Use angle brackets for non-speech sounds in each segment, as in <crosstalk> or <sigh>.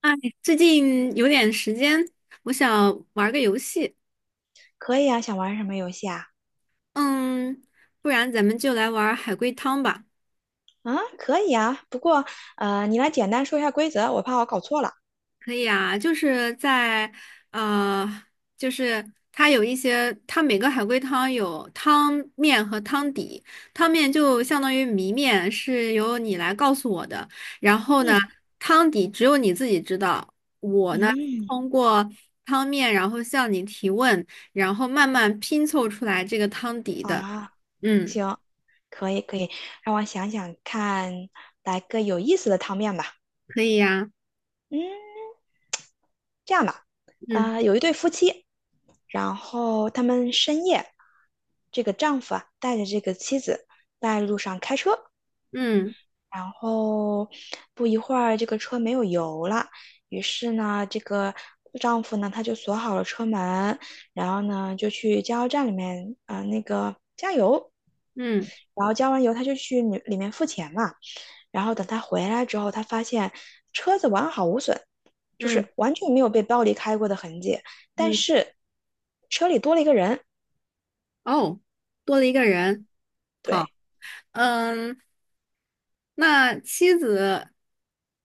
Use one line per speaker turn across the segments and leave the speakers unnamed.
哎，最近有点时间，我想玩个游戏。
可以啊，想玩什么游戏啊？
嗯，不然咱们就来玩儿海龟汤吧。
啊，可以啊，不过你来简单说一下规则，我怕我搞错了。
可以啊，就是在呃，就是它有一些，它每个海龟汤有汤面和汤底。汤面就相当于谜面，是由你来告诉我的。然后呢，
嗯
汤底只有你自己知道。我呢，
嗯，
通过汤面，然后向你提问，然后慢慢拼凑出来这个汤底
好
的。
啊，
嗯，
行，可以可以，让我想想看，来个有意思的汤面吧。
可以呀，
嗯，这样吧，
嗯
有一对夫妻，然后他们深夜，这个丈夫啊带着这个妻子在路上开车，
嗯
然后不一会儿，这个车没有油了。于是呢，这个丈夫呢，他就锁好了车门，然后呢，就去加油站里面那个加油，
嗯
然后加完油，他就去里面付钱嘛。然后等他回来之后，他发现车子完好无损，就
嗯
是完全没有被暴力开过的痕迹，但
嗯，
是车里多了一个人。
哦，多了一个人，好，
对，
嗯，那妻子，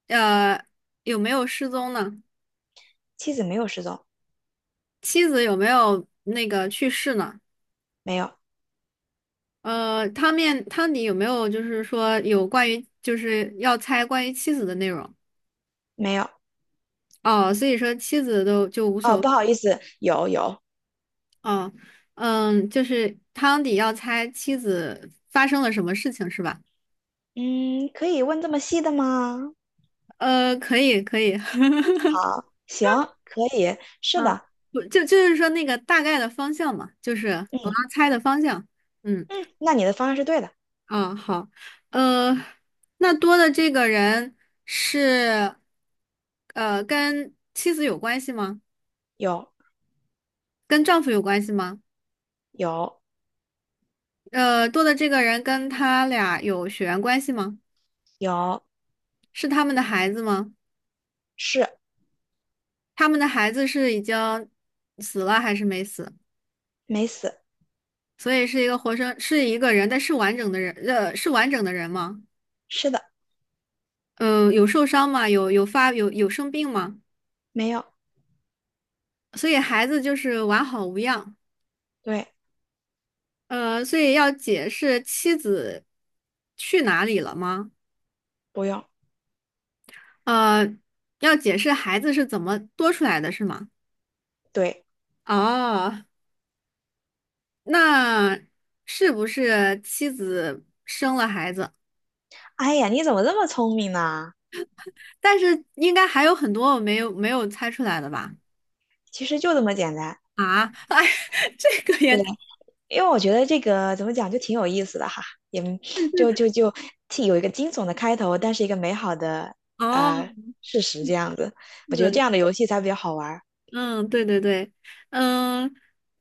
呃，有没有失踪呢？
妻子没有失踪，
妻子有没有那个去世呢？
没有，
汤面汤底有没有就是说有关于就是要猜关于妻子的内容？
没有。
哦，所以说妻子都就无所
哦，
谓
不好意思，有有。
哦，嗯，就是汤底要猜妻子发生了什么事情是吧？
嗯，可以问这么细的吗？
可以可以，<laughs>
好，行，可以，是
嗯，
的，
不就就是说那个大概的方向嘛，就是我要
嗯
猜的方向。嗯，
嗯，那你的方案是对的，
啊，好，呃，那多的这个人是，跟妻子有关系吗？
有
跟丈夫有关系吗？
有
多的这个人跟他俩有血缘关系吗？
有，
是他们的孩子吗？
是
他们的孩子是已经死了还是没死？
没死，
所以是一个活生，是一个人，但是完整的人，是完整的人吗？
是的，
嗯，有受伤吗？有有发有有生病吗？
没有，
所以孩子就是完好无恙。
对，
所以要解释妻子去哪里了吗？
不用，
呃，要解释孩子是怎么多出来的，是吗？
对。
哦，那是不是妻子生了孩子？
哎呀，你怎么这么聪明呢？
但是应该还有很多我没有猜出来的吧？
其实就这么简单。
啊，哎，<laughs> 这个也
对，因为我觉得这个怎么讲就挺有意思的哈，也就既有一个惊悚的开头，但是一个美好的
哦，
呃事实这样子，
是
我觉得这
的
样的游戏才比较好玩儿，
嗯，对对对，嗯，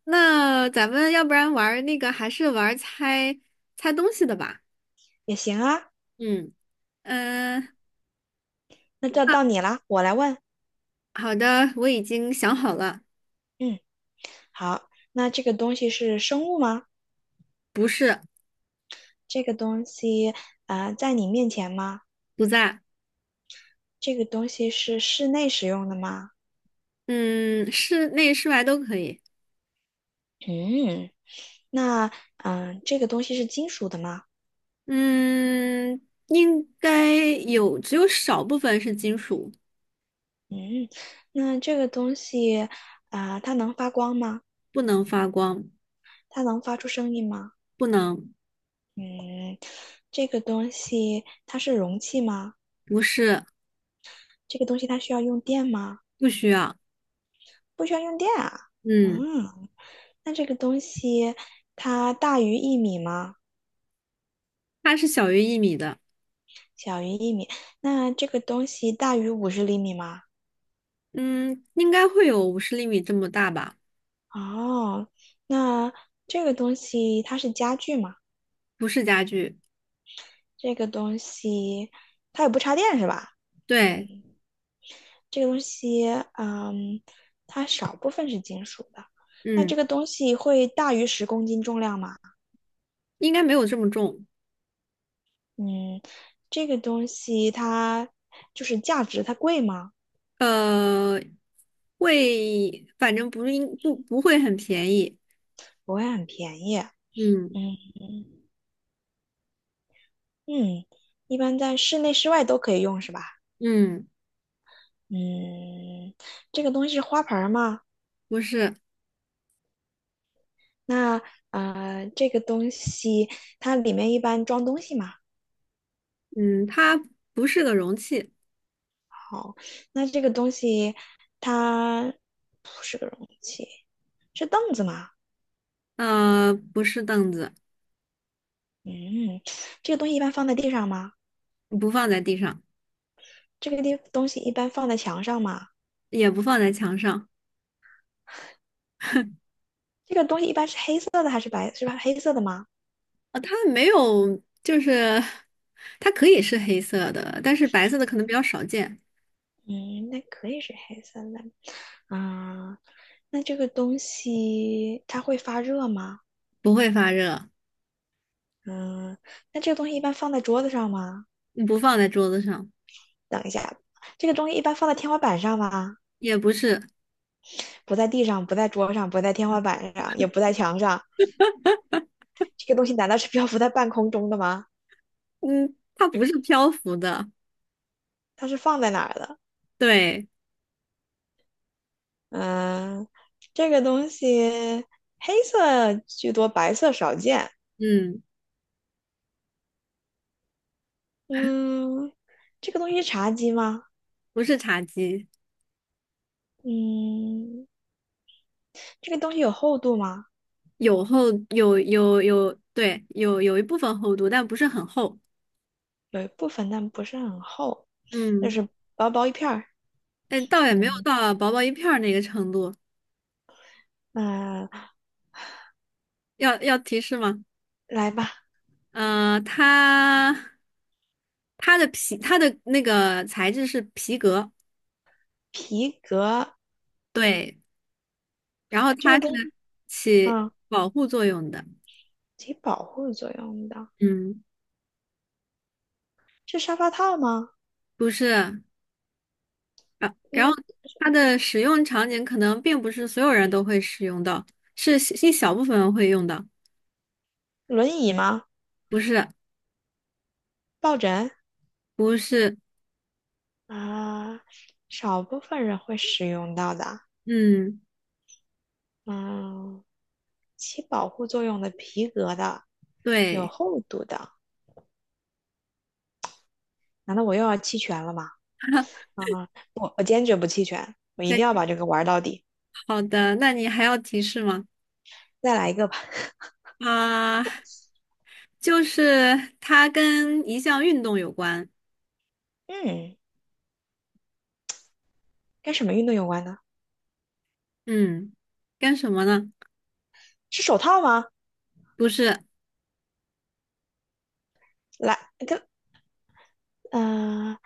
那咱们要不然玩儿那个，还是玩儿猜猜东西的吧？
也行啊。
嗯嗯，
那到
那
到你啦，我来问。
好的，我已经想好了，
嗯，好，那这个东西是生物吗？
不是，
这个东西啊，在你面前吗？
不在，
这个东西是室内使用的吗？
嗯，室内室外都可以，
嗯，那这个东西是金属的吗？
嗯，应该有，只有少部分是金属，
嗯，那这个东西它能发光吗？
不能发光，
它能发出声音吗？
不能，
嗯，这个东西它是容器吗？
不是，
这个东西它需要用电吗？
不需要，
不需要用电啊。
嗯，
嗯，那这个东西它大于一米吗？
它是小于1米的，
小于一米。那这个东西大于五十厘米吗？
嗯，应该会有50厘米这么大吧，
哦，那这个东西它是家具吗？
不是家具。
这个东西它也不插电是吧？
对，
嗯，这个东西，嗯，它少部分是金属的。那
嗯，
这个东西会大于十公斤重量吗？
应该没有这么重，
嗯，这个东西它就是价值，它贵吗？
呃，会，反正不应不不会很便宜，
不会很便宜。
嗯
嗯，嗯，一般在室内、室外都可以用，是吧？
嗯，
嗯，这个东西是花盆儿吗？
不是，
那这个东西它里面一般装东西吗？
嗯，它不是个容器，
好，那这个东西它是凳子吗？
不是凳子，
嗯，这个东西一般放在地上吗？
不放在地上，
这个地东西一般放在墙上吗？
也不放在墙上，
这个东西一般是黑色的还是白，是吧？黑色的吗？
它没有，就是它可以是黑色的，但是白色的可能比较少见，
嗯，那可以是黑色的。啊、那这个东西它会发热吗？
不会发热，
嗯，那这个东西一般放在桌子上吗？
不放在桌子上，
等一下，这个东西一般放在天花板上吗？
也不是，
不在地上，不在桌上，不在天花板上，也不在墙上。这个东西难道是 <laughs> 漂浮在半空中的吗？
嗯，它不是漂浮的，
它是放在哪儿的？
对，
嗯，这个东西黑色居多，白色少见。
嗯。
嗯，这个东西是茶几吗？
不是茶几，
嗯，这个东西有厚度吗？
有，对，有一部分厚度，但不是很厚。
有一部分，但不是很厚，就
嗯，
是薄薄一片儿。
哎，倒也没有
嗯，
到薄薄一片儿那个程度。
那、
要提示吗？
来吧。
它它的皮，它的那个材质是皮革，
皮革
对，然后
这
它
个东
是
西
起
啊，
保护作用的。
起保护作用的，
嗯，
是沙发套吗？
不是。然后
嗯，
它的使用场景可能并不是所有人都会使用到，是一小部分人会用到。
轮椅吗？
不是，
抱枕
不是，
啊，少部分人会使用到的。
嗯。
嗯，起保护作用的皮革的，有
对，
厚度的。难道我又要弃权了吗？
<laughs>
啊，我坚决不弃权，我一
再
定要
见
把这个玩到底。
好的，那你还要提示吗？
再来一个吧。
啊、就是它跟一项运动有关，
嗯，跟什么运动有关呢？
嗯，跟什么呢？
是手套吗？
不是，
来，跟嗯、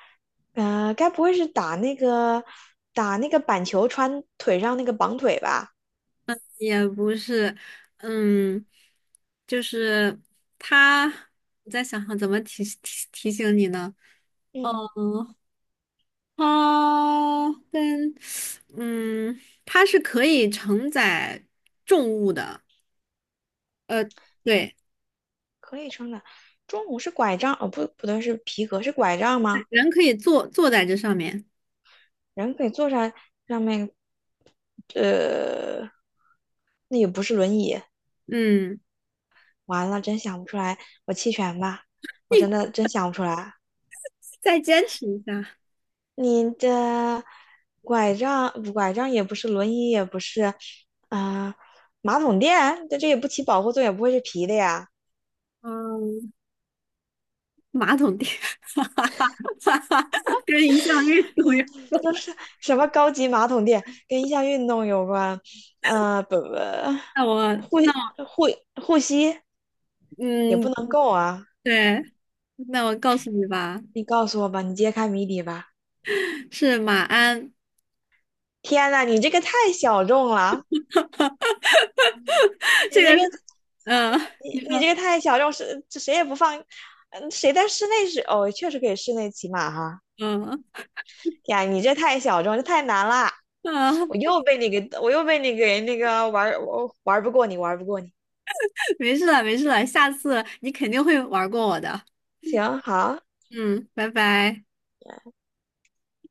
呃该不会是打那个打那个板球穿腿上那个绑腿吧？
也不是，嗯，就是它，我在想想怎么提醒你呢？嗯，
嗯，
它跟，嗯，它是可以承载重物的，呃，对，
可以穿的。中午是拐杖，哦不，不对，是皮革，是拐杖吗？
人可以坐在这上面，
人可以坐上上面，呃，那也不是轮椅。
嗯。
完了，真想不出来，我弃权吧，我真的真想不出来。
再坚持一下。
你的拐杖，拐杖也不是，轮椅也不是，啊、马桶垫，这也不起保护作用，也不会是皮的呀。
嗯，马桶垫，<laughs> 哈哈哈哈哈，跟一项运动有。
嗯，又是什么高级马桶垫，跟一项运动有关，不不，
那我
护
那我
护护膝也不
嗯，
能够啊！
对，那我告诉你吧，
你告诉我吧，你揭开谜底吧！
是马鞍，
天呐，你这个太小众了，你
<laughs> 这
这
个
个
是嗯，
你
你
你这
说
个太小众，是这谁也不放。嗯，谁在室内是哦，确实可以室内骑马哈。
嗯
呀，你这太小众，这太难了，
啊，
我又被你给，我又被你给那个玩儿，我玩不过你，玩不过你。
没事了没事了，下次你肯定会玩过我的。
行，好。
嗯，拜拜。